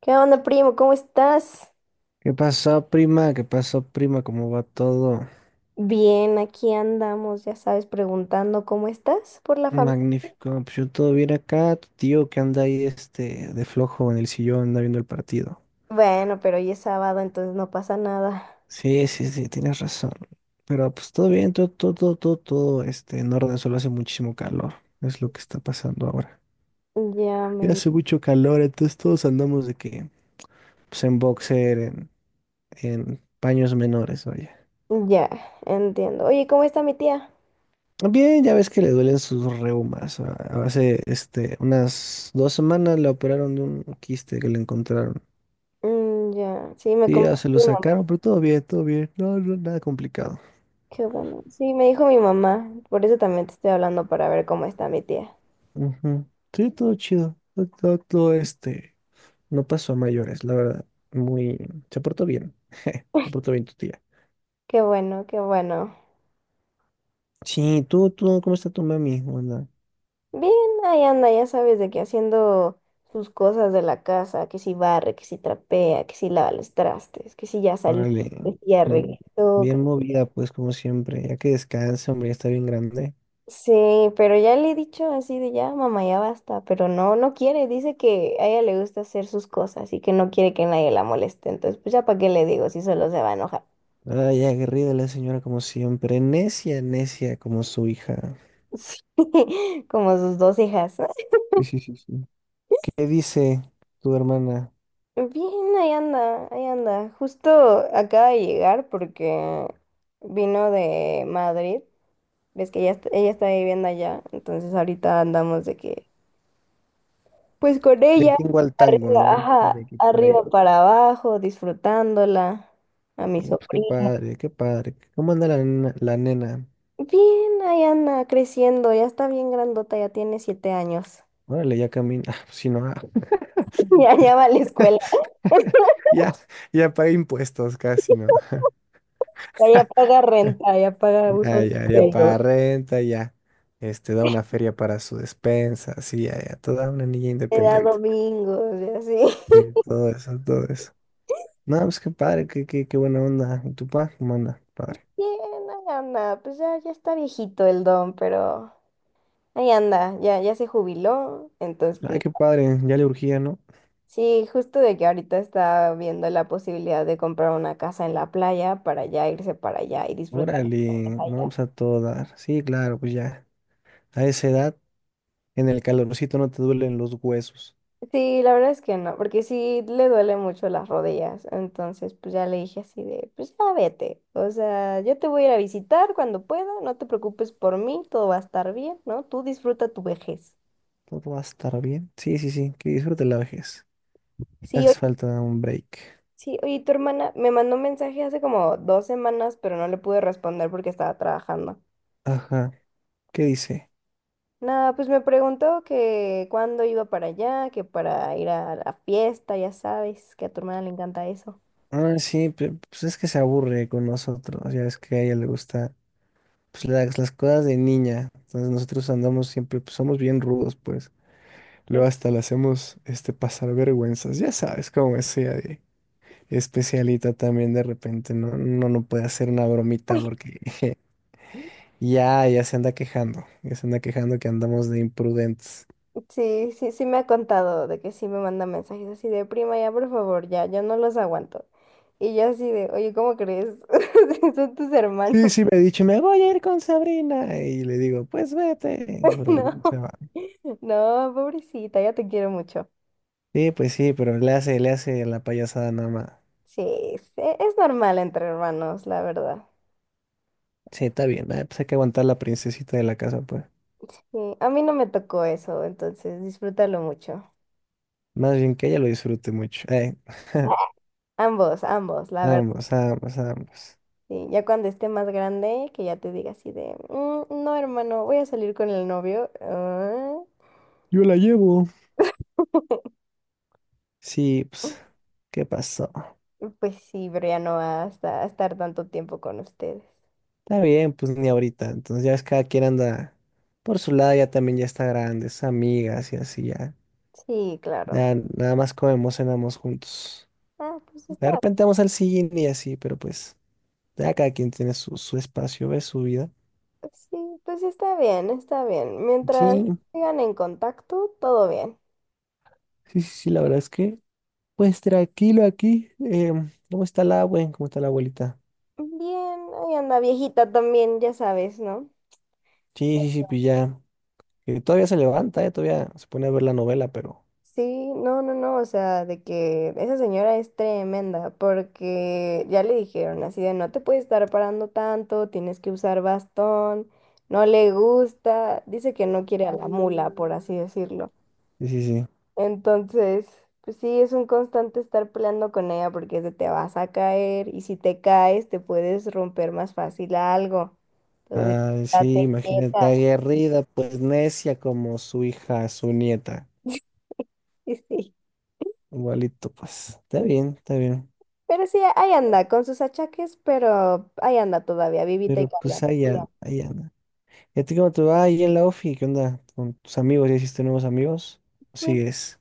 ¿Qué onda, primo? ¿Cómo estás? ¿Qué pasó, prima? ¿Qué pasó, prima? ¿Cómo va todo? Bien, aquí andamos, ya sabes, preguntando cómo estás por la familia. Magnífico. Pues yo todo bien acá. Tu tío que anda ahí de flojo en el sillón, anda viendo el partido. Bueno, pero hoy es sábado, entonces no pasa nada. Sí, sí, sí, tienes razón. Pero pues todo bien, todo, todo, todo, todo, todo, en orden. Solo hace muchísimo calor. Es lo que está pasando ahora. Ya Y me... hace mucho calor, entonces todos andamos de que, pues en boxer, en paños menores. Ya, entiendo. Oye, ¿cómo está mi tía? Bien, ya ves que le duelen sus reumas. Hace unas 2 semanas le operaron de un quiste que le encontraron. Mm, ya, sí, me Sí, ya comentó se lo mi mamá. sacaron, pero todo bien, todo bien. No, no, nada complicado. Qué bueno. Sí, me dijo mi mamá. Por eso también te estoy hablando para ver cómo está mi tía. Ujú. Sí, todo chido. Todo. No pasó a mayores, la verdad. Muy. Se portó bien. Se portó bien tu tía. Qué bueno, qué bueno. Sí, tú, ¿cómo está tu mami? Hola. Bien, ahí anda, ya sabes, de que, haciendo sus cosas de la casa, que si barre, que si trapea, que si lava los trastes, que si ya salió, Órale. que si ya Mm, regresó. Bien movida, pues, como siempre. Ya que descansa, hombre, ya está bien grande. Sí, pero ya le he dicho así de ya, mamá, ya basta, pero no quiere, dice que a ella le gusta hacer sus cosas y que no quiere que nadie la moleste, entonces pues ya para qué le digo si solo se va a enojar. Ay, aguerrida la señora como siempre, necia, necia como su hija. Sí, como sus dos hijas. Sí, sí, sí, sí. ¿Qué dice tu hermana? Bien, ahí anda. Justo acaba de llegar porque vino de Madrid. Ves que ella, est- Ella está viviendo allá, entonces ahorita andamos de que, pues con Del ella, tingo al tango, arriba, ¿no? ajá, De aquí para allá. arriba para abajo, disfrutándola, a mi Ah, no, pues qué sobrina. padre, qué padre. ¿Cómo anda la nena? ¿La nena? Bien, ahí anda creciendo, ya está bien grandota, ya tiene siete años. Órale, ya camina. Ah, pues sí, no. Ya, ya va a la escuela, ya, Ya, ya paga impuestos casi, ¿no? ya paga renta, ya paga uso Ya, de ya, ya pelo. paga renta, ya. Da una feria para su despensa, sí, ya, ya. Toda una niña Le da independiente. domingos y así. Sí, todo eso, todo eso. No, pues qué padre, qué buena onda. ¿Y tu pa? ¿Cómo anda? Padre. Bien, ahí anda, pues ya, ya está viejito el don, pero ahí anda, ya, ya se jubiló, entonces Ay, pues... qué padre, ya le urgía, ¿no? Sí, justo de que ahorita está viendo la posibilidad de comprar una casa en la playa para ya irse para allá y disfrutar de Órale, no, allá. pues a todo dar. Sí, claro, pues ya. A esa edad, en el calorcito no te duelen los huesos. Sí, la verdad es que no, porque sí le duele mucho las rodillas. Entonces, pues ya le dije así de, pues ya vete. O sea, yo te voy a ir a visitar cuando pueda, no te preocupes por mí, todo va a estar bien, ¿no? Tú disfruta tu vejez. Todo va a estar bien. Sí, sí, sí, que disfrute la vejez. Le Sí, hace oye, falta un break. sí, oye, tu hermana me mandó un mensaje hace como dos semanas, pero no le pude responder porque estaba trabajando. Ajá, ¿qué dice? Nada, pues me preguntó que cuándo iba para allá, que para ir a la fiesta, ya sabes, que a tu hermana le encanta eso. Ah, sí, pues es que se aburre con nosotros. Ya es que a ella le gusta, pues las cosas de niña. Entonces nosotros andamos siempre, pues somos bien rudos, pues. Luego hasta le hacemos pasar vergüenzas. Ya sabes cómo es ella de especialita también de repente. No, no, no puede hacer una bromita porque ya, ya se anda quejando. Ya se anda quejando que andamos de imprudentes. Sí, me ha contado de que sí me manda mensajes así de prima, ya por favor, ya, yo no los aguanto. Y yo así de, oye, ¿cómo crees? Si son tus Sí, hermanos. sí, me ha dicho, me voy a ir con Sabrina. Y le digo, pues vete. Pero No, se va. no, pobrecita, ya te quiero mucho. Sí, pues sí, pero le hace la payasada nada más. Sí, es, es normal entre hermanos, la verdad. Sí, está bien. Pues hay que aguantar la princesita de la casa, pues. Sí, a mí no me tocó eso, entonces disfrútalo mucho. Más bien que ella lo disfrute mucho. Ambos, ambos, la verdad. Vamos, vamos, vamos. Sí, ya cuando esté más grande, que ya te diga así de, "Mm, no, hermano, voy a salir con el novio". Ah, Yo la llevo. Sí, pues, ¿qué pasó? pues sí, pero ya no va a estar tanto tiempo con ustedes. Está bien, pues ni ahorita. Entonces ya es cada quien anda por su lado, ya también ya está grande, es amigas y así ya. Sí, claro. Ya nada más comemos, cenamos juntos. Ah, pues De está... repente vamos al cine y así, pero pues ya cada quien tiene su espacio, ve su vida. sí, pues está bien, está bien. Mientras Sí, sigan en contacto, todo bien. sí, sí, sí, la verdad es que, pues tranquilo aquí. ¿Cómo está la abue? ¿Cómo está la abuelita? Bien, ahí anda viejita también, ya sabes, ¿no? Sí, sí, sí, pues ya. Que todavía se levanta, todavía se pone a ver la novela, pero Sí, no, o sea, de que esa señora es tremenda, porque ya le dijeron así de no te puedes estar parando tanto, tienes que usar bastón, no le gusta, dice que no quiere a la mula, por así decirlo. sí, sí, sí. Entonces, pues sí, es un constante estar peleando con ella porque es de te vas a caer y si te caes te puedes romper más fácil algo. Entonces, Ah, sí, date imagínate, quieta. aguerrida, pues necia como su hija, su nieta. Sí, sí. Igualito, pues. Está bien, está bien. Pero sí, ahí anda, con sus achaques, pero ahí anda todavía, vivita y Pero pues coleando, ahí Julián. an- ahí anda. ¿Y a ti cómo te va ahí en la ofi? ¿Qué onda? ¿Con tus amigos? ¿Ya hiciste nuevos amigos? Pues, ¿Sigues?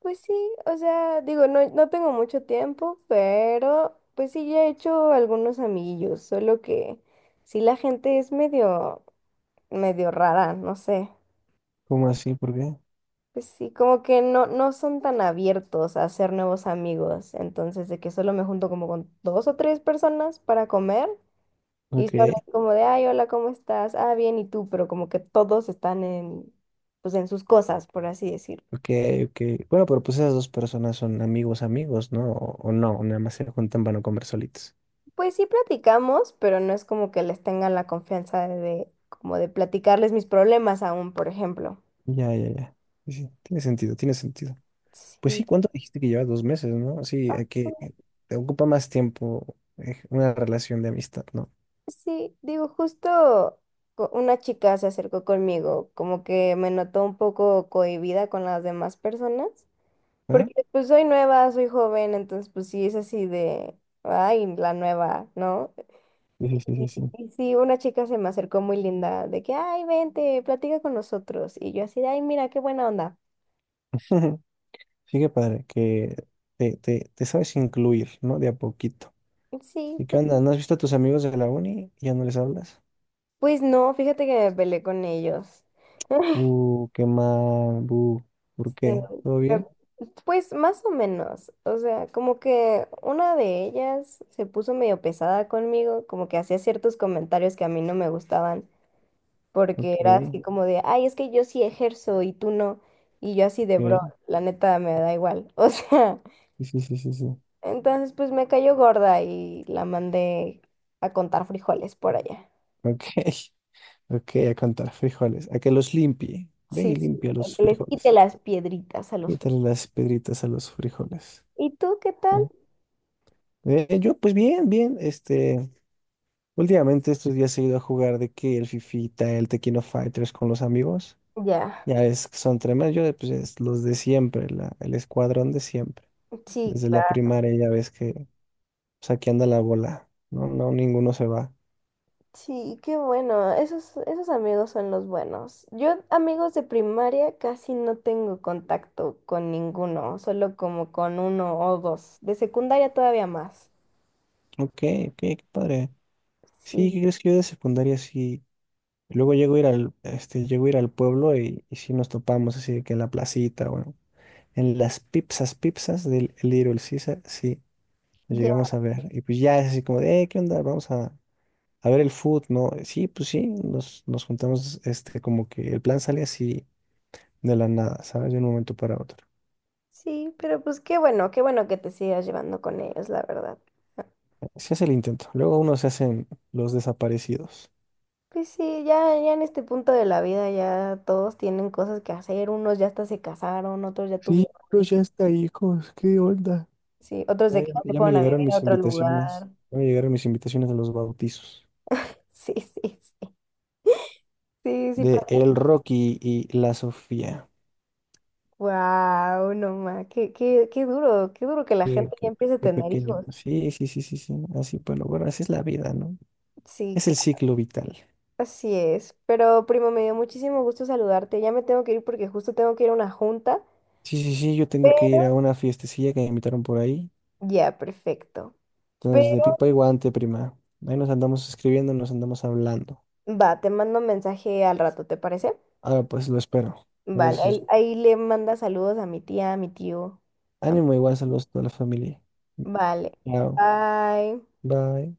pues sí, o sea, digo, no tengo mucho tiempo, pero pues sí, ya he hecho algunos amiguillos, solo que sí la gente es medio, medio rara, no sé. ¿Cómo así? ¿Por qué? Pues sí, como que no son tan abiertos a hacer nuevos amigos, entonces de que solo me junto como con dos o tres personas para comer. Y Ok, solo es como de, ay, hola, ¿cómo estás? Ah, bien, ¿y tú? Pero como que todos están en, pues en sus cosas, por así decirlo. ok, ok. Bueno, pero pues esas dos personas son amigos, amigos, ¿no? O no, nada más se juntan para no comer solitos. Pues sí platicamos, pero no es como que les tengan la confianza de como de platicarles mis problemas aún, por ejemplo. Ya, ya, ya. Sí, sí, tiene sentido, tiene sentido. Pues Sí, sí, ¿cuánto dijiste que lleva 2 meses, no? Sí, hay que te ocupa más tiempo una relación de amistad, ¿no? sí, digo, justo una chica se acercó conmigo, como que me notó un poco cohibida con las demás personas, ¿Verdad? porque pues soy nueva, soy joven, entonces pues sí es así de, ay, la nueva, ¿no? Sí, sí, sí, Y, sí, sí. y sí, una chica se me acercó muy linda, de que, ay, vente, platica con nosotros. Y yo así de, ay, mira, qué buena onda. Sí, qué padre, que te sabes incluir, ¿no? De a poquito. Sí, ¿Y qué pues, onda? ¿No has visto a tus amigos de la uni? ¿Ya no les hablas? pues no, fíjate que me peleé con ellos. Qué mal, bu. ¿Por Sí, qué? ¿Todo me- bien? pues más o menos, o sea, como que una de ellas se puso medio pesada conmigo, como que hacía ciertos comentarios que a mí no me gustaban, porque Ok, era así como de, ay, es que yo sí ejerzo y tú no, y yo así de, bro, ok. la neta me da igual. O sea... Sí, sí, sí, sí, sí. Entonces, pues me cayó gorda y la mandé a contar frijoles por allá. Ok, ok, a contar frijoles. A que los limpie. Ve y Sí, sí, limpia para los que les quite frijoles. las piedritas a los frijoles. Quítale las pedritas a los frijoles. ¿Y tú qué tal? Ujú. Yo, pues bien, bien, últimamente estos días he ido a jugar de que el Fifita, el Tequino Fighters con los amigos. Ya, Ya es que son tremendos, yo pues es los de siempre, el escuadrón de siempre, sí, desde la claro. primaria ya ves que, pues aquí anda la bola, no, no, ninguno se va. Sí, qué bueno. Esos, esos amigos son los buenos. Yo amigos de primaria casi no tengo contacto con ninguno, solo como con uno o dos. De secundaria todavía más. Ok, ok, qué padre, sí, Sí, ¿qué crees que yo de secundaria sí? Luego llego a ir al, este, llego a ir al pueblo y sí nos topamos así de que en la placita, bueno, en las pipsas, pipsas del Little Caesar, sí. Lo ya. llegamos a ver. Y pues ya es así como de, ¿qué onda? Vamos a ver el food, ¿no?" Sí, pues sí, nos juntamos, como que el plan sale así de la nada, ¿sabes? De un momento para otro. Sí, pero pues qué bueno que te sigas llevando con ellos, la verdad. Se hace el intento. Luego uno se hacen los desaparecidos. Pues sí, ya, ya en este punto de la vida ya todos tienen cosas que hacer, unos ya hasta se casaron, otros ya Sí, tuvieron uno hijos, ya está, hijos, ¿qué onda? sí, otros Ya, de que ya ya me se ya me fueron a llegaron vivir a mis otro invitaciones. lugar. Ya me llegaron mis invitaciones a los bautizos. Sí, sí, sí, sí, para... De el Rocky y la Sofía. Wow, no ma, qué, qué, qué duro que la Qué, gente ya qué- empiece a qué tener pequeño. hijos. Sí, sí, sí, sí, sí. Así, bueno, bueno, así es la vida, ¿no? Sí, Es el claro, ciclo vital. así es. Pero primo, me dio muchísimo gusto saludarte. Ya me tengo que ir porque justo tengo que ir a una junta, Sí, sí, sí, yo tengo que ir a pero una fiestecilla que me invitaron por ahí. ya, perfecto. Entonces, de Pero pipa y guante, prima. Ahí nos andamos escribiendo, nos andamos hablando. va, te mando un mensaje al rato, ¿te parece? Ahora pues lo espero. Vale, Besos. ahí le manda saludos a mi tía, a mi tío. a- Ánimo, igual saludos a toda la familia. Vale. Chao. Bye. Bye.